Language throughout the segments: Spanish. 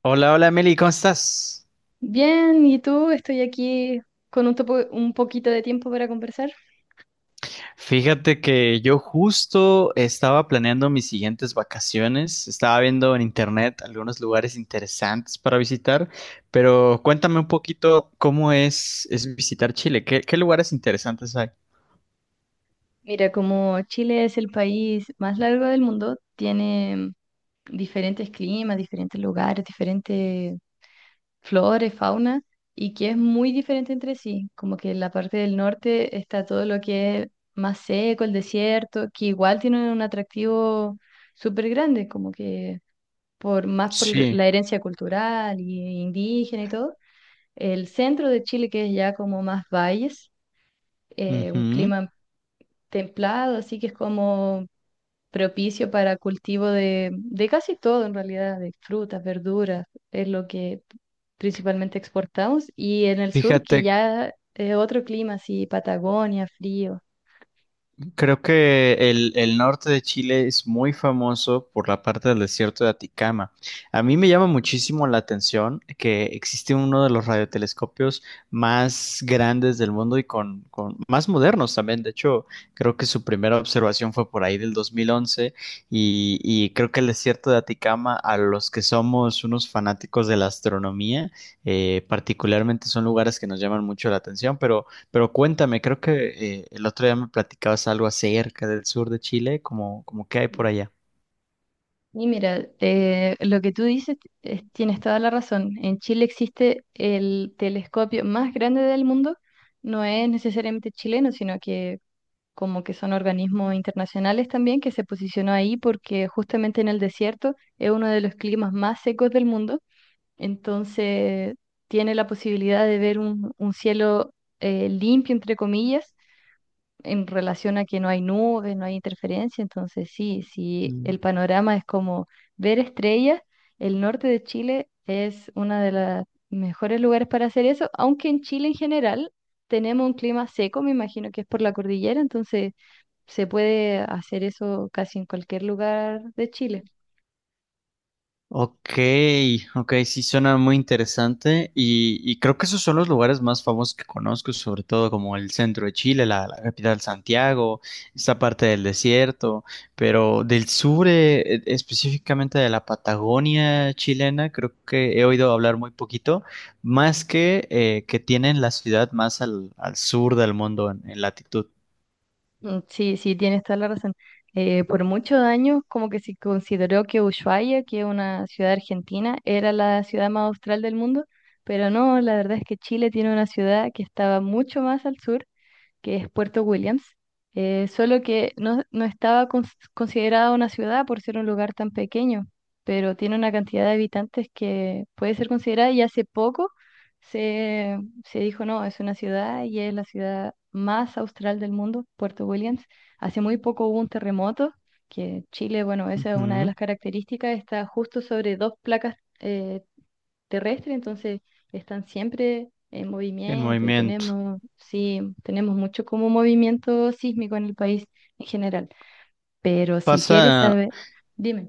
Hola, hola Meli, ¿cómo estás? Bien, ¿y tú? Estoy aquí con un poquito de tiempo para conversar. Fíjate que yo justo estaba planeando mis siguientes vacaciones, estaba viendo en internet algunos lugares interesantes para visitar, pero cuéntame un poquito cómo es visitar Chile, ¿qué lugares interesantes hay? Mira, como Chile es el país más largo del mundo, tiene diferentes climas, diferentes lugares, diferentes flores, fauna, y que es muy diferente entre sí. Como que en la parte del norte está todo lo que es más seco, el desierto, que igual tiene un atractivo súper grande, como que por Sí. la herencia cultural y indígena y todo. El centro de Chile, que es ya como más valles, un Ujú. clima templado, así que es como propicio para cultivo de casi todo en realidad, de frutas, verduras, es lo que principalmente exportamos. Y en el sur, que Fíjate. ya es otro clima, así Patagonia, frío. Creo que el norte de Chile es muy famoso por la parte del desierto de Aticama. A mí me llama muchísimo la atención que existe uno de los radiotelescopios más grandes del mundo y con más modernos también. De hecho, creo que su primera observación fue por ahí del 2011 y creo que el desierto de Aticama, a los que somos unos fanáticos de la astronomía, particularmente son lugares que nos llaman mucho la atención, pero... Pero cuéntame, creo que el otro día me platicabas algo acerca del sur de Chile, como, como qué hay por allá. Y mira, lo que tú dices, tienes toda la razón. En Chile existe el telescopio más grande del mundo. No es necesariamente chileno, sino que como que son organismos internacionales también, que se posicionó ahí porque justamente en el desierto es uno de los climas más secos del mundo, entonces tiene la posibilidad de ver un cielo limpio, entre comillas, en relación a que no hay nubes, no hay interferencia, entonces sí, sí, Mm. el panorama es como ver estrellas. El norte de Chile es uno de los mejores lugares para hacer eso, aunque en Chile en general tenemos un clima seco, me imagino que es por la cordillera, entonces se puede hacer eso casi en cualquier lugar de Chile. Ok, ok, sí suena muy interesante y creo que esos son los lugares más famosos que conozco, sobre todo como el centro de Chile, la capital Santiago, esta parte del desierto, pero del sur, específicamente de la Patagonia chilena, creo que he oído hablar muy poquito, más que tienen la ciudad más al sur del mundo en latitud. Mm, sí, sí, tienes toda la razón. Por muchos años, como que se consideró que Ushuaia, que es una ciudad argentina, era la ciudad más austral del mundo, pero no, la verdad es que Chile tiene una ciudad que estaba mucho más al sur, que es Puerto Williams. Solo que no estaba considerada una ciudad por ser un lugar tan pequeño, pero tiene una cantidad de habitantes que puede ser considerada, y hace poco se, se dijo, no, es una ciudad y es la ciudad más austral del mundo, Puerto Williams. Hace muy poco hubo un terremoto, que Chile, bueno, esa es una de Ujú. las características, está justo sobre dos placas. Terrestre, entonces están siempre en En movimiento y movimiento. tenemos, sí, tenemos mucho como movimiento sísmico en el país en general. Pero si quieres Pasa, saber, dime.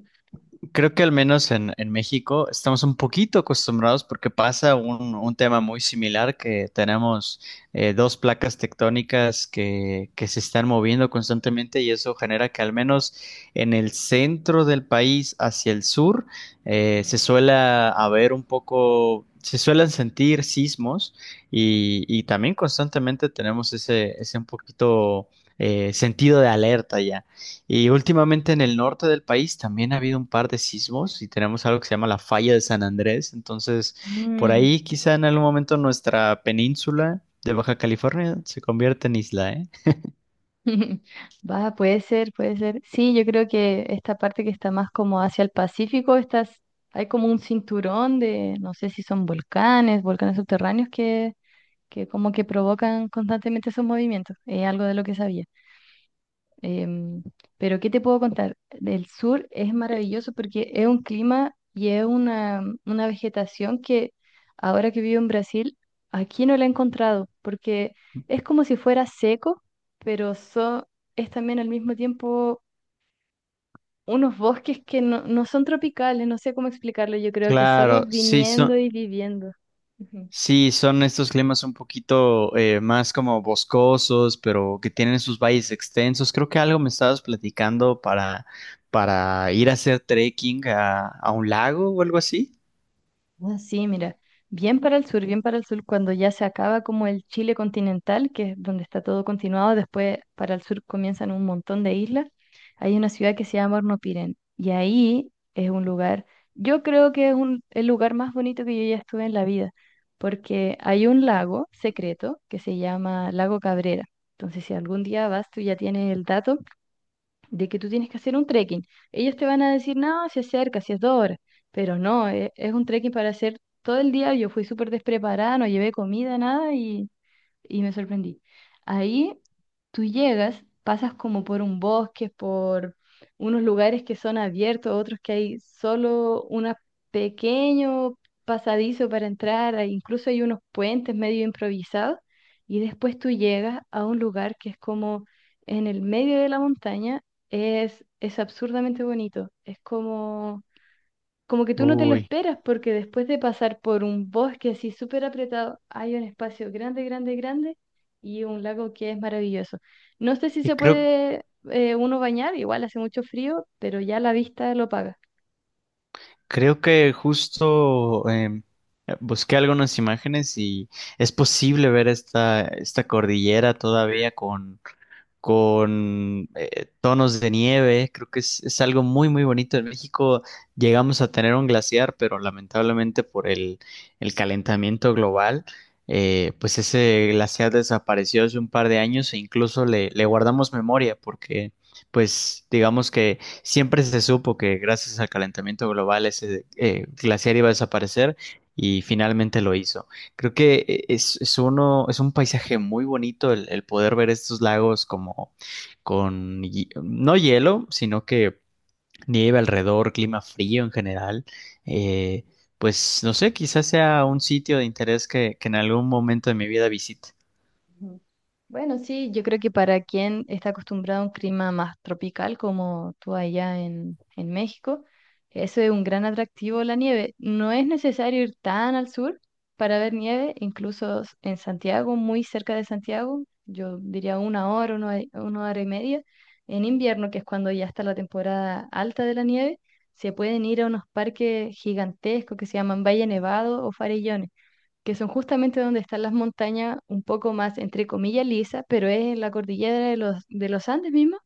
creo que al menos en México estamos un poquito acostumbrados porque pasa un tema muy similar que tenemos dos placas tectónicas que se están moviendo constantemente y eso genera que al menos en el centro del país hacia el sur, se suele haber un poco, se suelen sentir sismos y también constantemente tenemos ese un poquito sentido de alerta ya. Y últimamente en el norte del país también ha habido un par de sismos y tenemos algo que se llama la falla de San Andrés. Entonces, por Mm. ahí quizá en algún momento nuestra península de Baja California se convierte en isla, ¿eh? Va, puede ser, puede ser. Sí, yo creo que esta parte que está más como hacia el Pacífico, estás, hay como un cinturón de, no sé si son volcanes, volcanes subterráneos que como que provocan constantemente esos movimientos. Es algo de lo que sabía. Em, pero ¿qué te puedo contar? Del sur es maravilloso porque es un clima y es una vegetación que ahora que vivo en Brasil, aquí no la he encontrado, porque es como si fuera seco, pero so- es también al mismo tiempo unos bosques que no son tropicales, no sé cómo explicarlo, yo creo que solo Claro, viniendo y viviendo. Ujú. sí, son estos climas un poquito más como boscosos, pero que tienen sus valles extensos. Creo que algo me estabas platicando para ir a hacer trekking a un lago o algo así. Ah, sí, mira, bien para el sur, bien para el sur, cuando ya se acaba como el Chile continental, que es donde está todo continuado, después para el sur comienzan un montón de islas. Hay una ciudad que se llama Hornopiren, y ahí es un lugar, yo creo que es el lugar más bonito que yo ya estuve en la vida, porque hay un lago secreto que se llama Lago Cabrera. Entonces si algún día vas, tú ya tienes el dato de que tú tienes que hacer un trekking. Ellos te van a decir, no, si es cerca, si es 2 horas, pero no, es un trekking para hacer todo el día. Yo fui súper despreparada, no llevé comida, nada, y me sorprendí. Ahí tú llegas, pasas como por un bosque, por unos lugares que son abiertos, otros que hay solo un pequeño pasadizo para entrar, incluso hay unos puentes medio improvisados, y después tú llegas a un lugar que es como en el medio de la montaña. Es absurdamente bonito, es como como que tú no te lo Uy, esperas, porque después de pasar por un bosque así súper apretado, hay un espacio grande, grande, grande y un lago que es maravilloso. No sé si y se creo. puede uno bañar, igual hace mucho frío, pero ya la vista lo paga. Creo que justo busqué algunas imágenes y es posible ver esta cordillera todavía con tonos de nieve. Creo que es algo muy, muy bonito. En México llegamos a tener un glaciar, pero lamentablemente por el calentamiento global, pues ese glaciar desapareció hace un par de años e incluso le guardamos memoria porque, pues, digamos que siempre se supo que gracias al calentamiento global ese glaciar iba a desaparecer y finalmente lo hizo. Creo que es uno, es un paisaje muy bonito el poder ver estos lagos como con no hielo, sino que nieve alrededor, clima frío en general. Eh, pues no sé, quizás sea un sitio de interés que en algún momento de mi vida visite. Ujú. Bueno, sí, yo creo que para quien está acostumbrado a un clima más tropical como tú allá en México, eso es un gran atractivo, la nieve. No es necesario ir tan al sur para ver nieve, en Santiago, muy cerca de Santiago, yo diría 1 hora, 1 hora y media, en invierno, que es cuando ya está la temporada alta de la nieve, se pueden ir a unos parques gigantescos que se llaman Valle Nevado o Farellones, que son justamente donde están las montañas un poco más, entre comillas, lisa, pero es en la cordillera de los Andes mismo,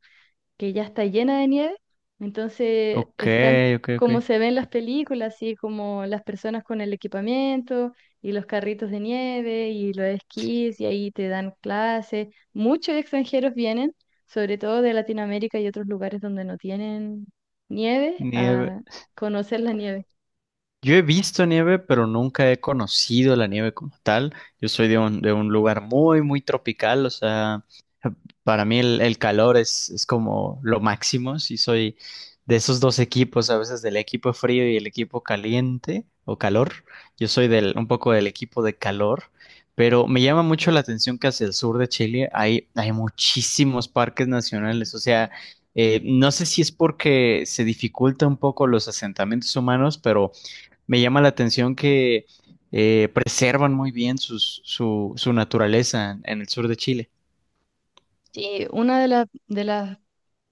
que ya está llena de nieve. Entonces Ok, están ok, ok. como se ven en las películas, así como las personas con el equipamiento y los carritos de nieve y los esquís, y ahí te dan clases. Muchos extranjeros vienen, sobre todo de Latinoamérica y otros lugares donde no tienen nieve, Nieve. a conocer la nieve. Yo he visto nieve, pero nunca he conocido la nieve como tal. Yo soy de un lugar muy, muy tropical, o sea. Para mí el calor es como lo máximo. Si soy de esos dos equipos, a veces del equipo frío y el equipo caliente o calor, yo soy del, un poco del equipo de calor, pero me llama mucho la atención que hacia el sur de Chile hay, hay muchísimos parques nacionales. O sea, no sé si es porque se dificulta un poco los asentamientos humanos, pero me llama la atención que preservan muy bien su naturaleza en el sur de Chile. Sí, una de las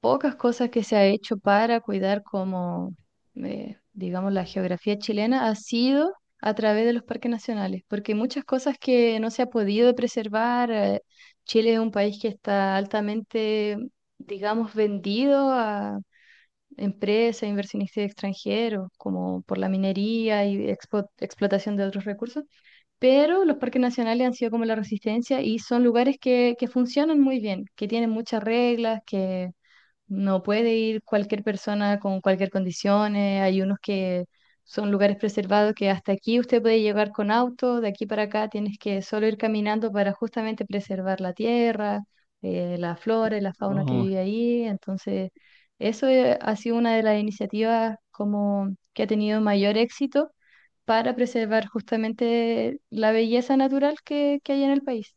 pocas cosas que se ha hecho para cuidar como, digamos, la geografía chilena ha sido a través de los parques nacionales, porque hay muchas cosas que no se ha podido preservar. Chile es un país que está altamente, digamos, vendido a empresas, inversionistas extranjeros, como por la minería y explotación de otros recursos, pero los parques nacionales han sido como la resistencia y son lugares que funcionan muy bien, que tienen muchas reglas, que no puede ir cualquier persona con cualquier condición. Hay unos que son lugares preservados que hasta aquí usted puede llegar con auto, de aquí para acá tienes que solo ir caminando para justamente preservar la tierra, la flora y la fauna que Oh. vive ahí. Entonces, eso ha sido una de las iniciativas como que ha tenido mayor éxito para preservar justamente la belleza natural que hay en el país.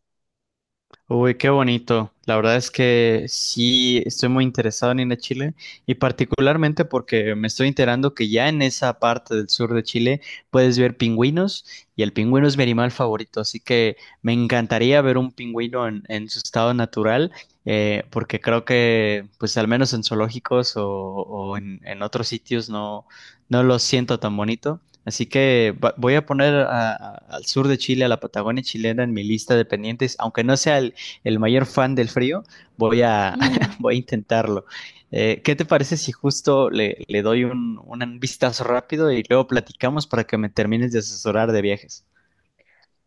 Uy, qué bonito. La verdad es que sí estoy muy interesado en ir a Chile y particularmente porque me estoy enterando que ya en esa parte del sur de Chile puedes ver pingüinos y el pingüino es mi animal favorito, así que me encantaría ver un pingüino en su estado natural, porque creo que pues al menos en zoológicos o, en otros sitios no, no lo siento tan bonito. Así que voy a poner al sur de Chile, a la Patagonia chilena en mi lista de pendientes, aunque no sea el mayor fan del frío, voy a, Ujú. voy a intentarlo. ¿Qué te parece si justo le doy un vistazo rápido y luego platicamos para que me termines de asesorar de viajes?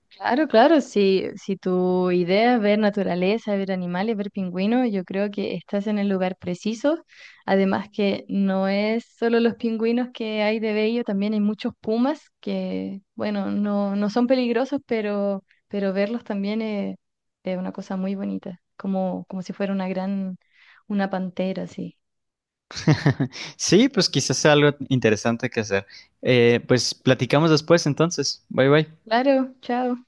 Claro, claro, si, si tu idea es ver naturaleza, ver animales, ver pingüinos, yo creo que estás en el lugar preciso. Además que no es solo los pingüinos que hay de bello, también hay muchos pumas que, bueno, no, no son peligrosos, pero verlos también es una cosa muy bonita, como, como si fuera una pantera, sí. Sí, pues quizás sea algo interesante que hacer. Pues platicamos después entonces. Bye bye. Claro, chao.